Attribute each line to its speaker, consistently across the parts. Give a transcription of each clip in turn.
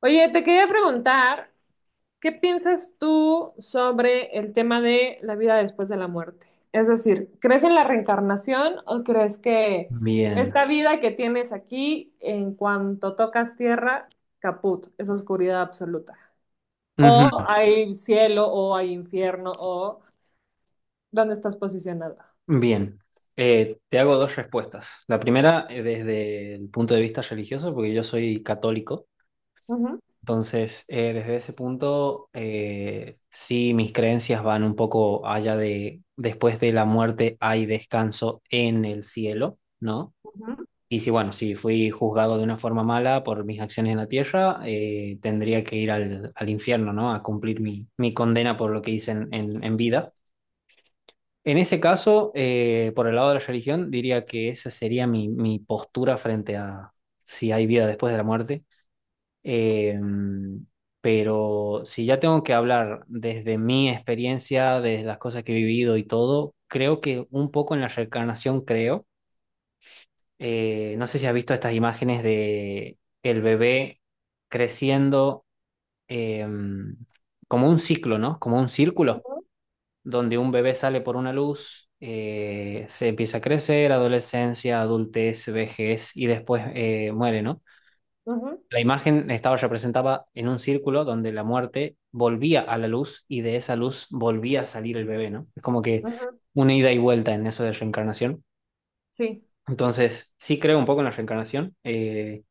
Speaker 1: Oye, te quería preguntar, ¿qué piensas tú sobre el tema de la vida después de la muerte? Es decir, ¿crees en la reencarnación o crees que
Speaker 2: Bien.
Speaker 1: esta vida que tienes aquí, en cuanto tocas tierra, caput, es oscuridad absoluta? ¿O
Speaker 2: Ujú.
Speaker 1: hay cielo o hay infierno o dónde estás posicionado?
Speaker 2: Bien. Te hago dos respuestas. La primera, desde el punto de vista religioso, porque yo soy católico.
Speaker 1: Ujú,
Speaker 2: Entonces, desde ese punto, sí, mis creencias van un poco allá de después de la muerte hay descanso en el cielo, ¿no?
Speaker 1: ujú,
Speaker 2: Y si, bueno, si fui juzgado de una forma mala por mis acciones en la tierra, tendría que ir al infierno, ¿no? A cumplir mi condena por lo que hice en vida. En ese caso, por el lado de la religión, diría que esa sería mi postura frente a si hay vida después de la muerte. Eh, pero si ya tengo que hablar desde mi experiencia, desde las cosas que he vivido y todo, creo que un poco en la reencarnación creo. No sé si has visto estas imágenes de el bebé creciendo, eh, como un ciclo, ¿no? Como un círculo
Speaker 1: ujú,
Speaker 2: donde un bebé sale por una luz, se empieza a crecer, adolescencia, adultez, vejez y después, muere, ¿no?
Speaker 1: ujú,
Speaker 2: La imagen estaba representada en un círculo donde la muerte volvía a la luz y de esa luz volvía a salir el bebé, ¿no? Es como que
Speaker 1: ujú.
Speaker 2: una ida y vuelta en eso de reencarnación.
Speaker 1: Sí.
Speaker 2: Entonces, sí creo un poco en la reencarnación. eh,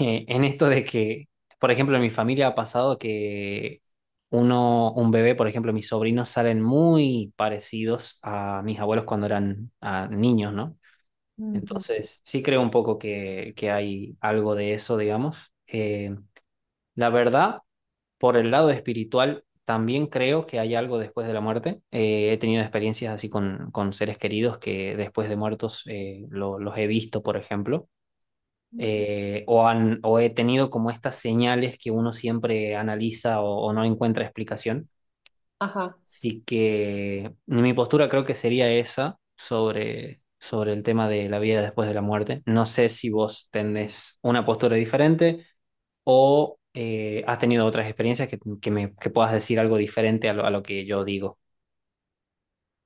Speaker 2: eh, En esto de que, por ejemplo, en mi familia ha pasado que uno, un bebé, por ejemplo, mis sobrinos salen muy parecidos a mis abuelos cuando eran, niños, ¿no?
Speaker 1: Ujú.
Speaker 2: Entonces, sí creo un poco que hay algo de eso, digamos. Eh, la verdad, por el lado espiritual, también creo que hay algo después de la muerte. He tenido experiencias así con seres queridos que después de muertos, los he visto, por ejemplo, o, han, o he tenido como estas señales que uno siempre analiza o no encuentra explicación.
Speaker 1: Ajá.
Speaker 2: Así que mi postura creo que sería esa sobre, sobre el tema de la vida después de la muerte. No sé si vos tenés una postura diferente o, has tenido otras experiencias que me, que puedas decir algo diferente a lo que yo digo.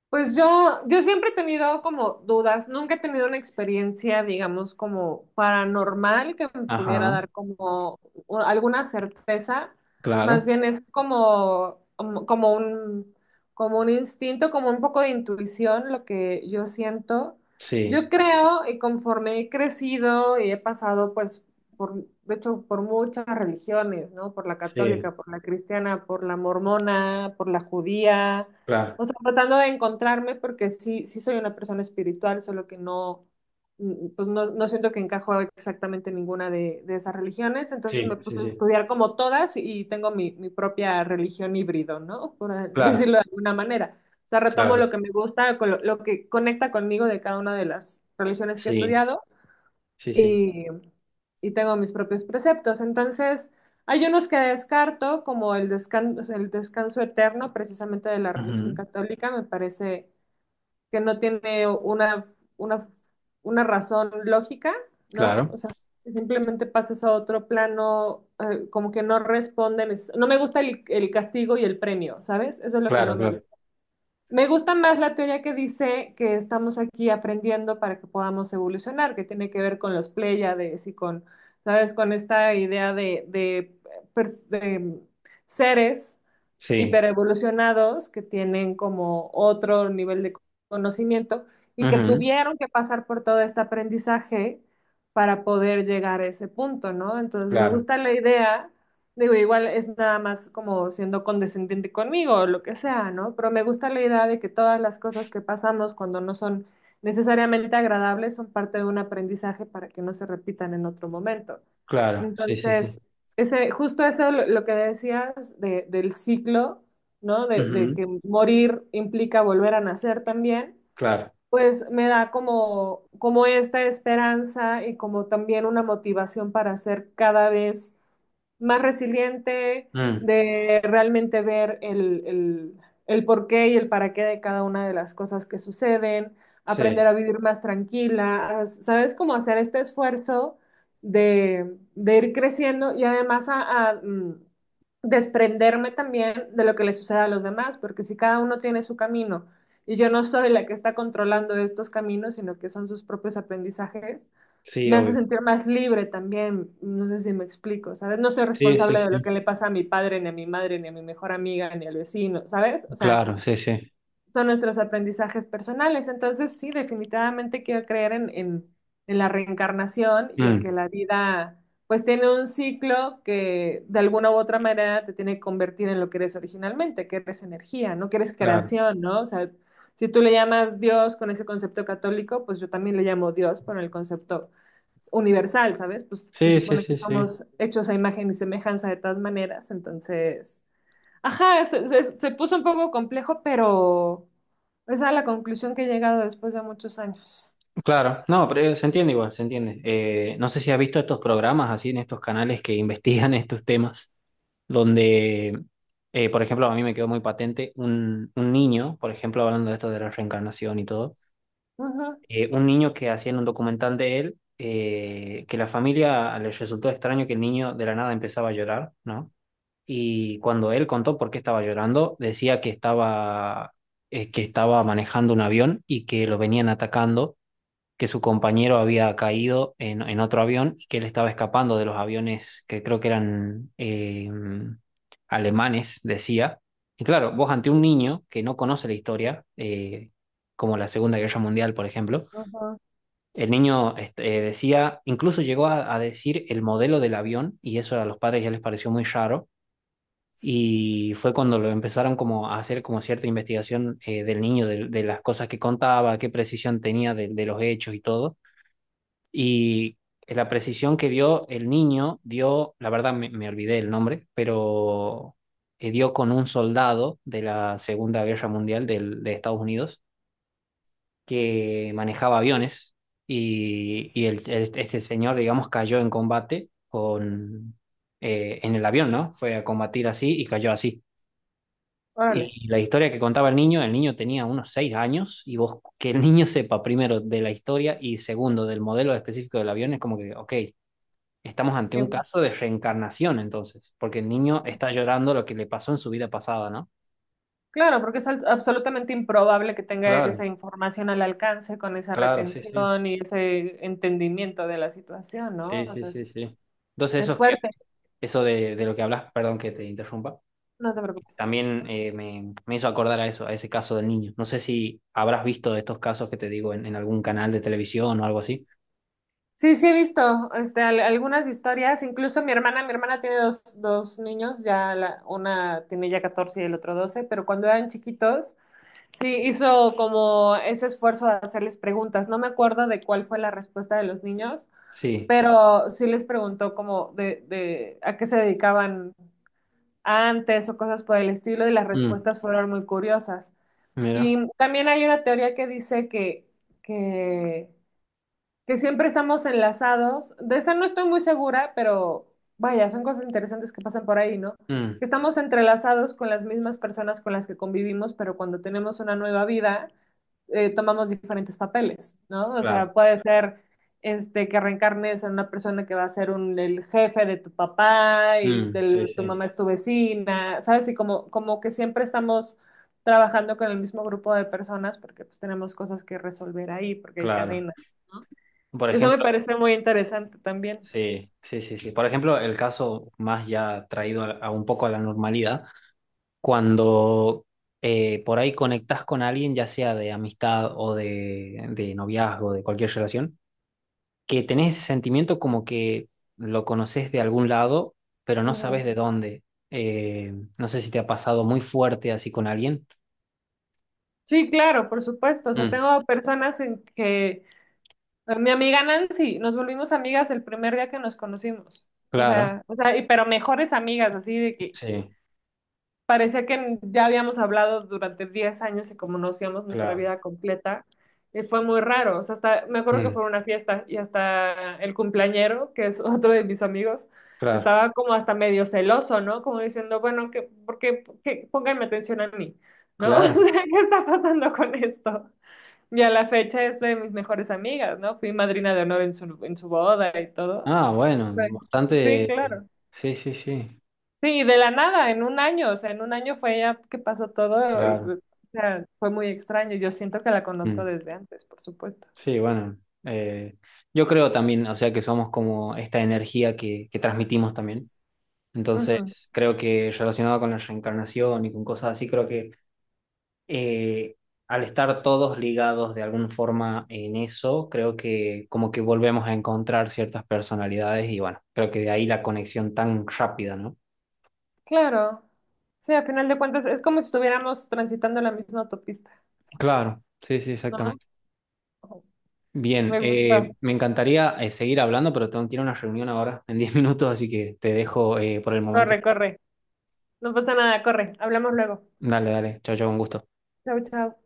Speaker 1: Pues yo siempre he tenido como dudas, nunca he tenido una experiencia, digamos, como paranormal que me pudiera
Speaker 2: Ajá,
Speaker 1: dar como alguna certeza, más
Speaker 2: claro.
Speaker 1: bien es como, como un, como un instinto, como un poco de intuición, lo que yo siento.
Speaker 2: Sí,
Speaker 1: Yo creo, y conforme he crecido y he pasado, pues, por, de hecho, por muchas religiones, ¿no? Por la
Speaker 2: sí,
Speaker 1: católica, por la cristiana, por la mormona, por la judía.
Speaker 2: claro.
Speaker 1: O sea, tratando de encontrarme porque sí, sí soy una persona espiritual, solo que no, pues no, no siento que encajo exactamente en ninguna de esas religiones. Entonces me
Speaker 2: Sí, sí,
Speaker 1: puse a
Speaker 2: sí.
Speaker 1: estudiar como todas y tengo mi, mi propia religión híbrido, ¿no? Por
Speaker 2: Claro,
Speaker 1: decirlo de alguna manera. O sea, retomo
Speaker 2: claro.
Speaker 1: lo que me gusta, con lo que conecta conmigo de cada una de las religiones que he
Speaker 2: Sí,
Speaker 1: estudiado
Speaker 2: sí, sí.
Speaker 1: y, y tengo mis propios preceptos. Entonces, hay unos que descarto, como el descanso eterno, precisamente de la religión
Speaker 2: Ujú.
Speaker 1: católica, me parece que no tiene una, una razón lógica, ¿no?
Speaker 2: Claro.
Speaker 1: O sea, simplemente pasas a otro plano, como que no responden. No me gusta el castigo y el premio, ¿sabes? Eso es lo que no
Speaker 2: Claro,
Speaker 1: me
Speaker 2: claro.
Speaker 1: gusta. Me gusta más la teoría que dice que estamos aquí aprendiendo para que podamos evolucionar, que tiene que ver con los pléyades y con, ¿sabes? Con esta idea de, de seres
Speaker 2: Sí.
Speaker 1: hiperevolucionados que tienen como otro nivel de conocimiento y que
Speaker 2: Ujú.
Speaker 1: tuvieron que pasar por todo este aprendizaje para poder llegar a ese punto, ¿no? Entonces me
Speaker 2: Claro,
Speaker 1: gusta la idea, digo, igual es nada más como siendo condescendiente conmigo o lo que sea, ¿no? Pero me gusta la idea de que todas las cosas que pasamos cuando no son necesariamente agradables son parte de un aprendizaje para que no se repitan en otro momento.
Speaker 2: claro. Sí, sí, sí.
Speaker 1: Entonces, ese, justo eso lo que decías del ciclo, ¿no? De
Speaker 2: Ujú.
Speaker 1: que morir implica volver a nacer también,
Speaker 2: Claro.
Speaker 1: pues me da como, como esta esperanza y como también una motivación para hacer cada vez más resiliente,
Speaker 2: Mm.
Speaker 1: de realmente ver el porqué y el para qué de cada una de las cosas que suceden, aprender
Speaker 2: Sí,
Speaker 1: a vivir más tranquila, ¿sabes? Cómo hacer este esfuerzo de ir creciendo y además a, desprenderme también de lo que le sucede a los demás, porque si cada uno tiene su camino y yo no soy la que está controlando estos caminos, sino que son sus propios aprendizajes,
Speaker 2: sí,
Speaker 1: me hace
Speaker 2: obvio.
Speaker 1: sentir más libre también, no sé si me explico, ¿sabes? No soy
Speaker 2: Sí, sí,
Speaker 1: responsable de lo
Speaker 2: sí.
Speaker 1: que le pasa a mi padre, ni a mi madre, ni a mi mejor amiga, ni al vecino, ¿sabes? O sea,
Speaker 2: Claro, sí, sí.
Speaker 1: son nuestros aprendizajes personales. Entonces, sí, definitivamente quiero creer en, en la reencarnación y en que
Speaker 2: Mm.
Speaker 1: la vida, pues, tiene un ciclo que de alguna u otra manera te tiene que convertir en lo que eres originalmente, que eres energía, ¿no? Que eres
Speaker 2: Claro.
Speaker 1: creación, ¿no? O sea, si tú le llamas Dios con ese concepto católico, pues yo también le llamo Dios con el concepto universal, ¿sabes? Pues se
Speaker 2: Sí, sí,
Speaker 1: supone que
Speaker 2: sí, sí.
Speaker 1: somos hechos a imagen y semejanza de todas maneras, entonces... Ajá, se, se puso un poco complejo, pero esa es a la conclusión que he llegado después de muchos años.
Speaker 2: Claro. No, pero, se entiende igual, se entiende. No sé si has visto estos programas así en estos canales que investigan estos temas, donde, por ejemplo, a mí me quedó muy patente un niño, por ejemplo, hablando de esto de la reencarnación y todo,
Speaker 1: Ajá,
Speaker 2: un niño que hacían un documental de él, que la familia les resultó extraño que el niño de la nada empezaba a llorar, ¿no? Y cuando él contó por qué estaba llorando, decía que estaba manejando un avión y que lo venían atacando, que su compañero había caído en otro avión y que él estaba escapando de los aviones que creo que eran, alemanes, decía. Y claro, vos ante un niño que no conoce la historia, como la Segunda Guerra Mundial, por ejemplo,
Speaker 1: ajá.
Speaker 2: el niño este, decía, incluso llegó a decir el modelo del avión y eso a los padres ya les pareció muy raro y fue cuando lo empezaron como a hacer como cierta investigación, del niño, de las cosas que contaba, qué precisión tenía de los hechos y todo. Y la precisión que dio el niño dio, la verdad me, me olvidé el nombre, pero, dio con un soldado de la Segunda Guerra Mundial de Estados Unidos que manejaba aviones y este señor, digamos, cayó en combate con, en el avión, ¿no? Fue a combatir así y cayó así.
Speaker 1: Órale.
Speaker 2: Y la historia que contaba el niño tenía unos seis años y vos que el niño sepa primero de la historia y segundo del modelo específico del avión es como que, ok, estamos ante un
Speaker 1: Bien.
Speaker 2: caso de reencarnación entonces, porque el niño está llorando lo que le pasó en su vida pasada, ¿no?
Speaker 1: Claro, porque es absolutamente improbable que tenga
Speaker 2: Claro,
Speaker 1: esa información al alcance con esa
Speaker 2: claro. Sí,
Speaker 1: retención y ese entendimiento de la situación, ¿no?
Speaker 2: sí,
Speaker 1: O
Speaker 2: sí,
Speaker 1: sea,
Speaker 2: sí. Sí. Entonces
Speaker 1: es
Speaker 2: esos que...
Speaker 1: fuerte,
Speaker 2: Eso de lo que hablas, perdón que te interrumpa,
Speaker 1: no te preocupes.
Speaker 2: también, me, me hizo acordar a eso, a ese caso del niño. No sé si habrás visto de estos casos que te digo en algún canal de televisión o algo así.
Speaker 1: Sí, sí he visto este, algunas historias, incluso mi hermana tiene dos, dos niños, una tiene ya 14 y el otro 12, pero cuando eran chiquitos. Sí, hizo como ese esfuerzo de hacerles preguntas. No me acuerdo de cuál fue la respuesta de los niños,
Speaker 2: Sí.
Speaker 1: pero sí les preguntó como de a qué se dedicaban antes o cosas por el estilo y las
Speaker 2: Mm,
Speaker 1: respuestas fueron muy curiosas.
Speaker 2: mira.
Speaker 1: Y también hay una teoría que dice que, que que siempre estamos enlazados. De esa no estoy muy segura, pero vaya, son cosas interesantes que pasan por ahí, ¿no?
Speaker 2: Mm,
Speaker 1: Que estamos entrelazados con las mismas personas con las que convivimos, pero cuando tenemos una nueva vida, tomamos diferentes papeles, ¿no? O
Speaker 2: claro.
Speaker 1: sea, puede ser este, que reencarnes en una persona que va a ser un, el jefe de tu papá y
Speaker 2: Mm, sí,
Speaker 1: del, tu
Speaker 2: sí,
Speaker 1: mamá es tu vecina, ¿sabes? Y como, como que siempre estamos trabajando con el mismo grupo de personas porque pues tenemos cosas que resolver ahí, porque hay
Speaker 2: claro.
Speaker 1: cadenas, ¿no?
Speaker 2: Por
Speaker 1: Eso me
Speaker 2: ejemplo,
Speaker 1: parece muy interesante también.
Speaker 2: sí, sí, sí, sí. Por ejemplo, el caso más ya traído a un poco a la normalidad, cuando, por ahí conectás con alguien, ya sea de amistad o de noviazgo, de cualquier relación que tenés ese sentimiento como que lo conoces de algún lado, pero no
Speaker 1: Ujú.
Speaker 2: sabes de dónde. Eh, no sé si te ha pasado muy fuerte así con alguien.
Speaker 1: Sí, claro, por supuesto. O sea,
Speaker 2: Mm,
Speaker 1: tengo personas en que pues, mi amiga Nancy, nos volvimos amigas el primer día que nos conocimos.
Speaker 2: claro,
Speaker 1: O sea, y, pero mejores amigas, así de que
Speaker 2: sí,
Speaker 1: parecía que ya habíamos hablado durante 10 años y como conocíamos nuestra
Speaker 2: claro,
Speaker 1: vida completa, y fue muy raro. O sea, hasta, me acuerdo que
Speaker 2: mm,
Speaker 1: fue una fiesta y hasta el cumpleañero, que es otro de mis amigos,
Speaker 2: claro,
Speaker 1: estaba como hasta medio celoso, ¿no? Como diciendo, bueno, que, ¿por qué, pónganme atención a mí, ¿no? O sea,
Speaker 2: claro.
Speaker 1: ¿qué está pasando con esto? Y a la fecha es de mis mejores amigas, ¿no? Fui madrina de honor en su boda y todo.
Speaker 2: Ah, bueno,
Speaker 1: Fue- Sí,
Speaker 2: bastante.
Speaker 1: claro.
Speaker 2: Sí, sí, sí,
Speaker 1: Sí, de la nada, en un año, o sea, en un año fue ya que pasó todo y
Speaker 2: claro.
Speaker 1: o sea, fue muy extraño. Yo siento que la conozco
Speaker 2: Mm,
Speaker 1: desde antes, por supuesto.
Speaker 2: sí, bueno. eh, yo creo también, o sea, que somos como esta energía que transmitimos también.
Speaker 1: Ujú.
Speaker 2: Entonces, creo que relacionado con la reencarnación y con cosas así, creo que, eh, al estar todos ligados de alguna forma en eso, creo que como que volvemos a encontrar ciertas personalidades y bueno, creo que de ahí la conexión tan rápida, ¿no?
Speaker 1: Claro. Sí, a final de cuentas es como si estuviéramos transitando la misma autopista,
Speaker 2: Claro, sí, sí,
Speaker 1: ¿no?
Speaker 2: exactamente.
Speaker 1: Ujú.
Speaker 2: Bien,
Speaker 1: Me gustó.
Speaker 2: me encantaría, seguir hablando, pero tengo que ir a una reunión ahora en 10 minutos, así que te dejo, por el momento.
Speaker 1: Corre, corre. No pasa nada, corre. Hablamos luego.
Speaker 2: Dale, dale, chao, chao, un gusto.
Speaker 1: Chao, chao.